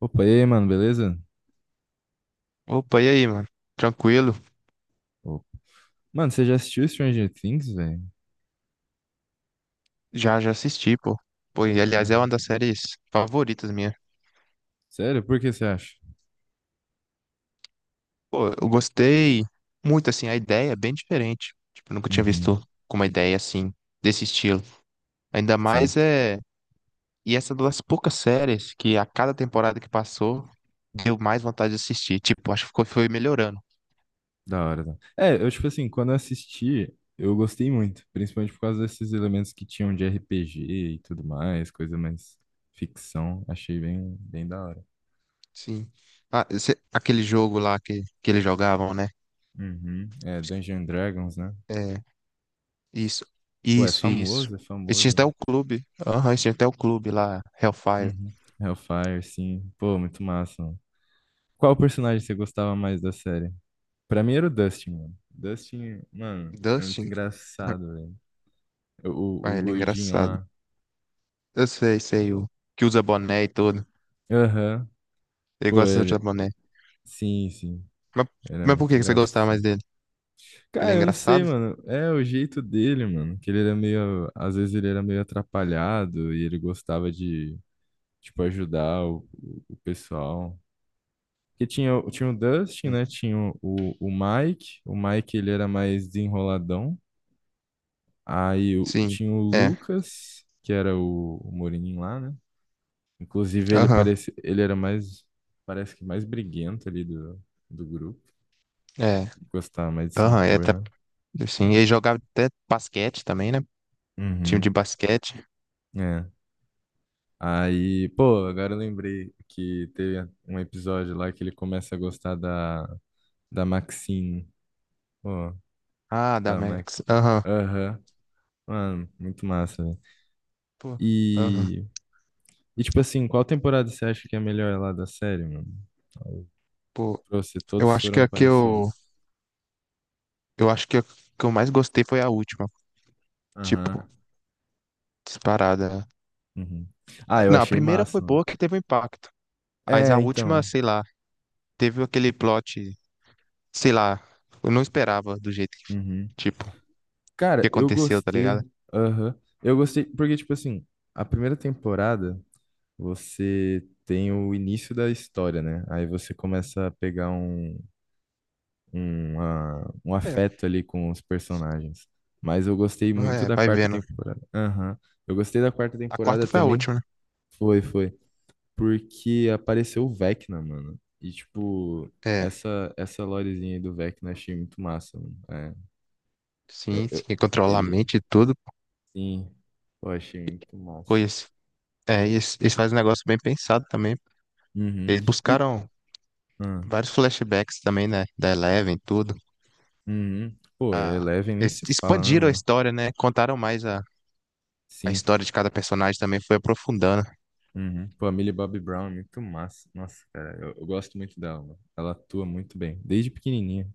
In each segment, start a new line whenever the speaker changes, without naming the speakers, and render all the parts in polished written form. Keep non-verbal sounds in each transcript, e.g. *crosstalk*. Opa, e aí, mano, beleza?
Opa, e aí, mano? Tranquilo?
Opa. Mano, você já assistiu Stranger Things, velho?
Já assisti, pô. Pô, e aliás, é uma
Uhum.
das séries favoritas minha.
Sério? Por que você acha?
Pô, eu gostei muito, assim, a ideia é bem diferente. Tipo, eu nunca tinha
Uhum.
visto com uma ideia assim, desse estilo. Ainda
Sim,
mais é. E essa é uma das poucas séries que a cada temporada que passou, deu mais vontade de assistir. Tipo, acho que ficou, foi melhorando.
da hora. Tá? É, eu, tipo assim, quando eu assisti, eu gostei muito, principalmente por causa desses elementos que tinham de RPG e tudo mais, coisa mais ficção. Achei bem, bem da hora.
Sim. Ah, aquele jogo lá que eles jogavam, né?
Uhum. É, Dungeons and Dragons, né?
É. Isso,
Pô, é
isso, isso.
famoso, é
Eles tinham
famoso.
até o clube. Aham, eles tinham até o clube lá, Hellfire.
Uhum. Hellfire, sim. Pô, muito massa, mano. Qual personagem você gostava mais da série? Pra mim era o Dustin, mano. Dustin, mano, é muito
Dustin? *laughs*
engraçado, velho. O, o,
Ah,
o
ele é
gordinho
engraçado.
lá.
Eu sei, o que usa boné e tudo.
Aham.
Ele
Pô,
gosta de usar
ele.
boné.
Sim, sim.
Mas,
Era
mas por
muito
que que você gostava mais
engraçado.
dele? Porque ele
Cara,
é
eu não sei,
engraçado?
mano. É o jeito dele, mano. Que ele era meio. Às vezes ele era meio atrapalhado e ele gostava de, tipo, ajudar o pessoal. Porque tinha, tinha o Dustin, né? Tinha o Mike. O Mike, ele era mais desenroladão. Aí
Sim,
tinha o
é.
Lucas, que era o Moreninho lá, né? Inclusive, ele
Aham,
parece, ele era mais, parece que mais briguento ali do grupo.
é.
Gostava mais de se
Aham, é
impor,
até,
né?
assim, ele jogava até basquete também, né? Time de
Uhum.
basquete.
É. Aí, pô, agora eu lembrei que teve um episódio lá que ele começa a gostar da Maxine. Pô,
Ah, da
da Max.
Max. Aham.
Aham. Mano, muito massa, velho.
Pô, aham.
E, e, tipo assim, qual temporada você acha que é a melhor lá da série, mano?
Pô,
Pra você,
eu
todos
acho que
foram
a que eu,
parecidos.
eu acho que a que eu mais gostei foi a última.
Aham.
Tipo, disparada.
Uhum. Ah,
Ah,
eu
não, a
achei
primeira foi
massa, mano.
boa que teve um impacto. Mas a
É,
última,
então.
sei lá, teve aquele plot, sei lá, eu não esperava do jeito que,
Uhum.
tipo, que
Cara, eu
aconteceu, tá ligado?
gostei. Aham. Eu gostei, porque, tipo assim, a primeira temporada você tem o início da história, né? Aí você começa a pegar um
É,
afeto ali com os personagens. Mas eu gostei muito
é,
da
vai
quarta
vendo.
temporada. Aham. Eu gostei da quarta
A
temporada
quarta foi a
também.
última, né?
Foi, foi. Porque apareceu o Vecna, mano. E, tipo,
É,
essa lorezinha aí do Vecna eu achei muito massa, mano. É, eu,
sim,
eu-
sim, controlar a
ele.
mente e tudo,
Sim, eu achei muito massa.
pois é, e eles fazem um negócio bem pensado também.
Uhum.
Eles
E,
buscaram
Ah,
vários flashbacks também, né, da Eleven e tudo.
uhum. Pô,
Ah,
Eleven nem
eles
se fala, né,
expandiram a
mano?
história, né, contaram mais a
Sim.
história de cada personagem também, foi aprofundando.
Uhum. Pô, a Millie Bobby Brown é muito massa. Nossa, cara, eu gosto muito dela, mano. Ela atua muito bem, desde pequenininha.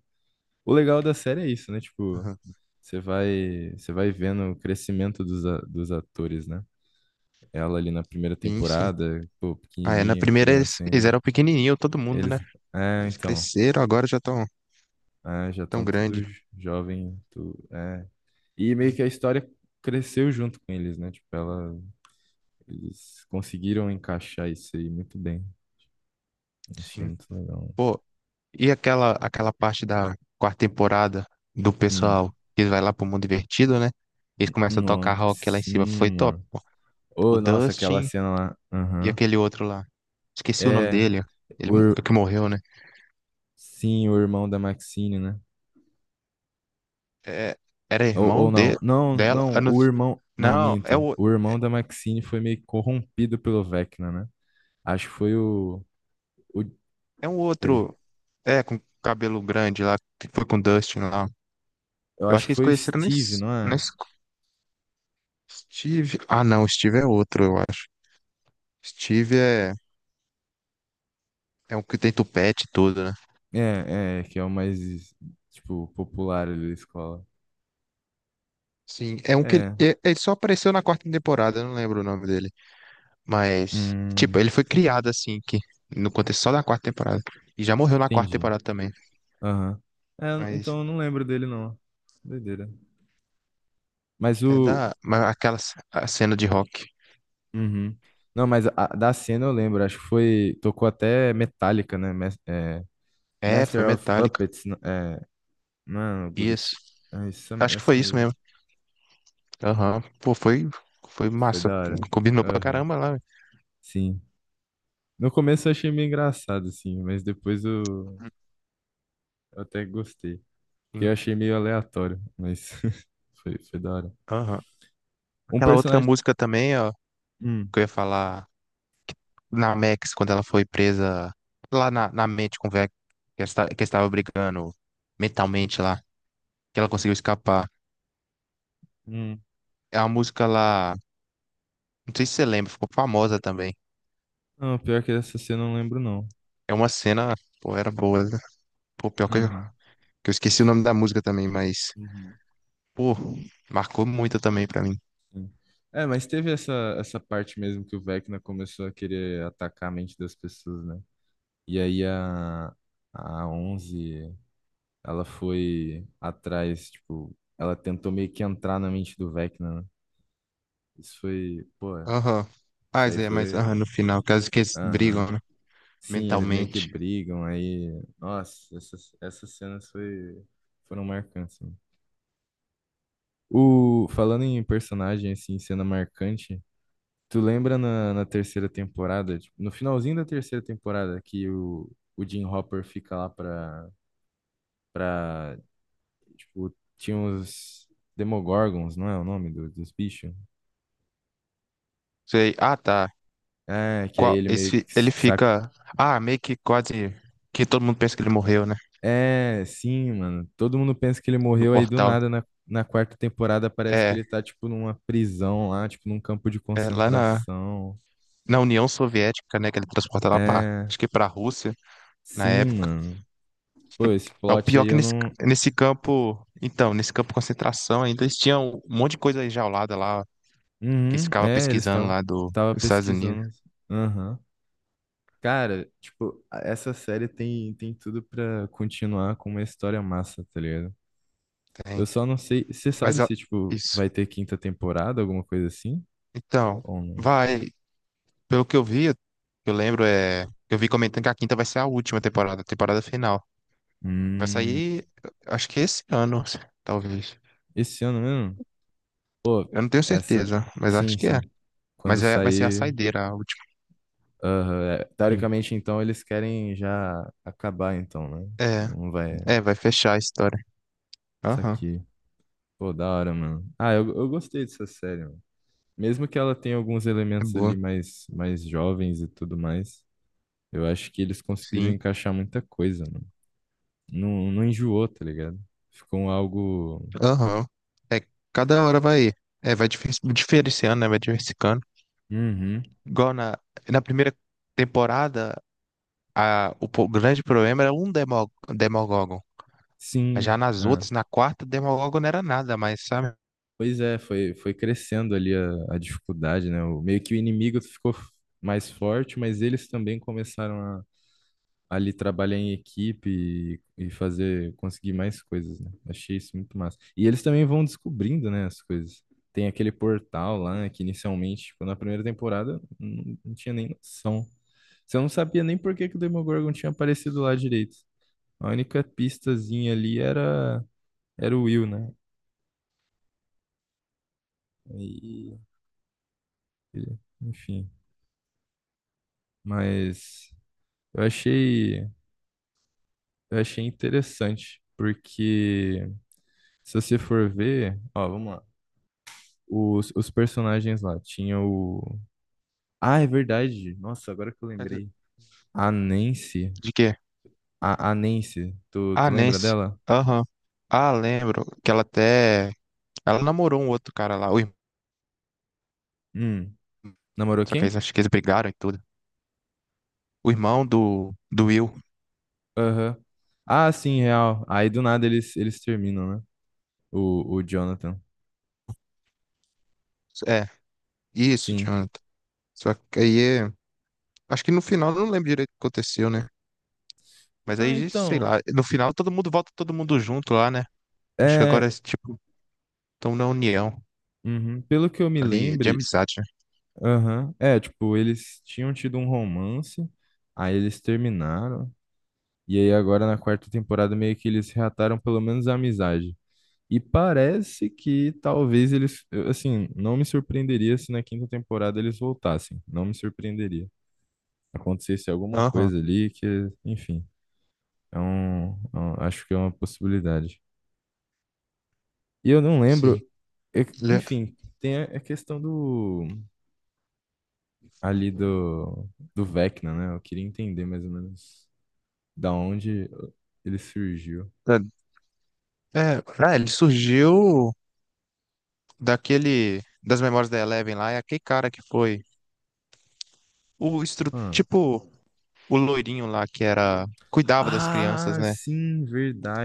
O legal da série é isso, né? Tipo,
Aham.
você vai vendo o crescimento dos atores, né? Ela ali na primeira
Sim, sim.
temporada, pô,
Ah, é, na
pequenininha,
primeira eles,
criança
eles
ainda.
eram pequenininho, todo mundo, né?
Eles, é,
Eles
então,
cresceram, agora já estão
já
tão
estão todos
grande.
jovens. E meio
Sim,
que a história cresceu junto com eles, né? Tipo, ela, eles conseguiram encaixar isso aí muito bem. Achei
sim.
muito legal.
Pô, e aquela parte da quarta temporada do
Hum,
pessoal que vai lá pro mundo divertido, né? Eles começam a tocar
nossa,
rock lá em cima, foi
sim,
top,
mano.
pô. O
Oh, nossa, aquela
Dustin
cena lá.
e
Aham.
aquele outro lá. Esqueci o nome
É,
dele. Ele
o, ir-
que morreu, né?
sim, o irmão da Maxine, né?
É, era
Ou,
irmão
ou não. Não,
dela. Eu
não,
Não,
o irmão. Não,
não,
minto. O irmão da Maxine foi meio que corrompido pelo Vecna, né? Acho que foi o. o
é um
Peraí.
outro. É, com cabelo grande lá, que foi com o Dustin lá.
Eu
Eu acho
acho que
que eles
foi o
conheceram
Steve, não
na
é?
escola. Steve. Ah, não, Steve é outro, eu acho. Steve é um que tem tupete e tudo, né?
É, que é o mais, tipo, popular ali da escola.
Sim, é um que
É,
ele só apareceu na quarta temporada, eu não lembro o nome dele. Mas, tipo,
hum,
ele foi criado assim, que no contexto só da quarta temporada. E já morreu na quarta
entendi.
temporada também.
Aham. É, eu não- então
Mas
eu não lembro dele, não. Doideira. Mas
é
o...
da. Mas aquela a cena de rock.
Uhum. Não, mas da cena eu lembro, acho que foi... Tocou até Metallica, né? É,
É, foi
Master of
Metallica.
Puppets, é... Não é algo do
Isso.
tipo. É
Acho que
essa
foi isso
mesmo.
mesmo. Aham. Pô, foi
Foi
massa.
da hora.
Combinou pra
Aham,
caramba lá, velho.
sim. No começo eu achei meio engraçado, assim, mas depois eu até gostei. Que
Sim.
eu achei meio aleatório, mas *laughs* foi da hora.
Aham.
Um
Aquela outra
personagem.
música também, ó,
Hum,
que eu ia falar na Max, quando ela foi presa lá na mente com o Vec, que estava brigando mentalmente lá, que ela conseguiu escapar.
hum.
É uma música lá, não sei se você lembra, ficou famosa também.
Não, pior que essa cena eu não lembro, não.
É uma cena, pô, era boa, né? Pô, pior
Uhum,
que eu esqueci o nome da música também, mas,
uhum,
pô, marcou muito também pra mim.
sim. É, mas teve essa parte mesmo que o Vecna começou a querer atacar a mente das pessoas, né? E aí a 11, ela foi atrás, tipo, ela tentou meio que entrar na mente do Vecna, né? Isso foi, pô,
Aham. Ah,
isso aí
Zé, mas
foi,
aham, no final, caso que eles
aham,
brigam, né?
sim, eles meio que
Mentalmente.
brigam aí. Nossa, essas cenas foram marcantes, né? O, falando em personagem, assim, cena marcante, tu lembra na terceira temporada, tipo, no finalzinho da terceira temporada, que o Jim Hopper fica lá pra, tipo, tinha uns Demogorgons, não é o nome dos bichos?
Sei. Ah, tá.
É, que aí
Qual,
ele
esse,
meio que
ele fica. Ah, meio que quase. Que todo mundo pensa que ele morreu, né?
É, sim, mano. Todo mundo pensa que ele
No
morreu aí do
portal.
nada na quarta temporada. Parece que
É,
ele tá, tipo, numa prisão lá, tipo, num campo de
é lá na,
concentração.
na União Soviética, né? Que ele transporta lá pra.
É,
Acho que pra Rússia, na
sim,
época.
mano. Pô, esse
É o
plot
pior
aí
que
eu
nesse,
não.
nesse campo. Então, nesse campo de concentração ainda eles tinham um monte de coisa enjaulada lá. Que eles
Uhum,
ficavam
é, eles
pesquisando
estavam
lá do,
tava
dos Estados Unidos.
pesquisando. Aham. Cara, tipo, essa série tem tudo pra continuar com uma história massa, tá ligado? Eu
Tem.
só não sei. Você
Mas,
sabe
ó,
se, tipo,
isso.
vai ter quinta temporada, alguma coisa assim?
Então.
Ou não?
Vai. Pelo que eu vi, eu lembro, eu vi comentando que a quinta vai ser a última temporada, a temporada final. Vai
Hum,
sair, acho que esse ano, talvez.
esse ano mesmo? Pô,
Eu não tenho
essa.
certeza, mas
Sim,
acho que é.
sim. Quando
Mas é, vai ser a
sair.
saideira, a última.
Aham, é.
Sim.
Teoricamente, então, eles querem já acabar, então, né?
É,
Não vai.
é, vai fechar a história.
Isso
Aham,
aqui. Pô, da hora, mano. Ah, eu gostei dessa série, mano. Mesmo que ela tenha alguns
é
elementos ali
boa.
mais, mais jovens e tudo mais, eu acho que eles conseguiram
Sim,
encaixar muita coisa, mano. Não, não enjoou, tá ligado? Ficou algo.
aham. É, cada hora vai diferenciando, né? Vai diversificando.
Uhum.
Igual na primeira temporada, o grande problema era um Demogorgon. Já
Sim.
nas
Ah.
outras, na quarta, Demogorgon não era nada, mas sabe?
Pois é, foi crescendo ali a dificuldade, né? O, meio que o inimigo ficou mais forte, mas eles também começaram a ali trabalhar em equipe e fazer, conseguir mais coisas, né? Achei isso muito massa. E eles também vão descobrindo, né, as coisas. Tem aquele portal lá, né, que inicialmente, tipo, na primeira temporada, não, não tinha nem noção. Você não sabia nem por que que o Demogorgon tinha aparecido lá direito. A única pistazinha ali era o Will, né? E, enfim. Mas eu achei, eu achei interessante, porque se você for ver, ó, vamos lá. Os personagens lá, tinha o. Ah, é verdade. Nossa, agora que eu lembrei. A Nancy.
De quê?
A Nancy, tu,
Ah,
tu lembra
Nancy.
dela?
Aham. Ah, lembro que ela até. Ela namorou um outro cara lá, o irmão.
Hum. Namorou
Só que eles
quem?
acho que eles brigaram e tudo. O irmão do Will.
Aham. Ah, sim, real. Aí do nada eles terminam, né? O Jonathan.
É, isso,
Sim.
Jonathan. Só que aí. é- Acho que no final eu não lembro direito o que aconteceu, né? Mas
Ah,
aí, sei
então.
lá. No final todo mundo volta todo mundo junto lá, né? Acho que
É,
agora é tipo. Estão na união
uhum. Pelo que eu me
ali
lembro.
de amizade, né?
Aham. É, tipo, eles tinham tido um romance, aí eles terminaram, e aí agora na quarta temporada meio que eles reataram pelo menos a amizade. E parece que talvez eles, eu, assim, não me surpreenderia se na quinta temporada eles voltassem. Não me surpreenderia. Acontecesse alguma
Aham,
coisa ali que, enfim, acho que é uma possibilidade. E eu não
sim.
lembro, é-
Ele, é,
enfim, tem a questão ali do Vecna, né? Eu queria entender mais ou menos. Da onde ele surgiu?
é, é, ele surgiu das memórias da Eleven lá, é aquele cara que foi
Ah,
tipo, o loirinho lá que cuidava das crianças,
Ah,
né?
sim,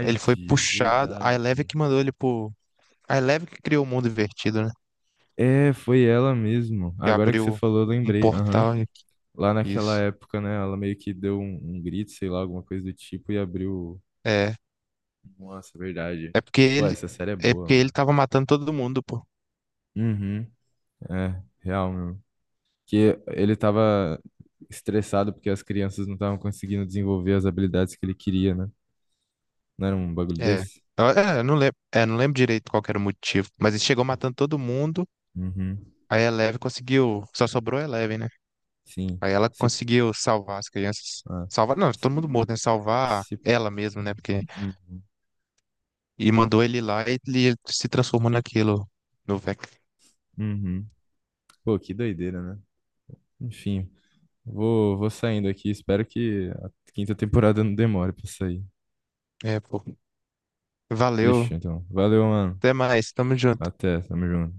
Ele foi puxado,
verdade.
a Eleven que criou o mundo invertido, né?
É, foi ela mesmo.
Que
Agora que você
abriu
falou, eu
um
lembrei. Aham.
portal e
Lá naquela
isso.
época, né? Ela meio que deu um grito, sei lá, alguma coisa do tipo, e abriu.
É.
Nossa, verdade.
É porque
Pô,
ele.
essa série é
É
boa,
porque ele
mano.
tava matando todo mundo, pô.
Uhum. É, real, meu. Que ele tava estressado porque as crianças não estavam conseguindo desenvolver as habilidades que ele queria, né? Não era um bagulho
É.
desse?
É, eu não lembro, não lembro direito qual que era o motivo. Mas ele chegou matando todo mundo.
Uhum.
Aí a Eleven conseguiu. Só sobrou a Eleven, né?
Sim.
Aí ela
Se
conseguiu salvar as crianças.
Ah,
Salvar. Não, todo mundo morto, né? Salvar
se...
ela mesmo, né? Porque.
Uhum,
E mandou ele lá e ele se transformou naquilo. No Vec.
uhum. Pô, que doideira, né? Enfim, vou saindo aqui. Espero que a quinta temporada não demore pra sair.
É, pô.
Fechou,
Valeu.
então. Valeu, mano.
Até mais. Tamo junto.
Até, tamo junto.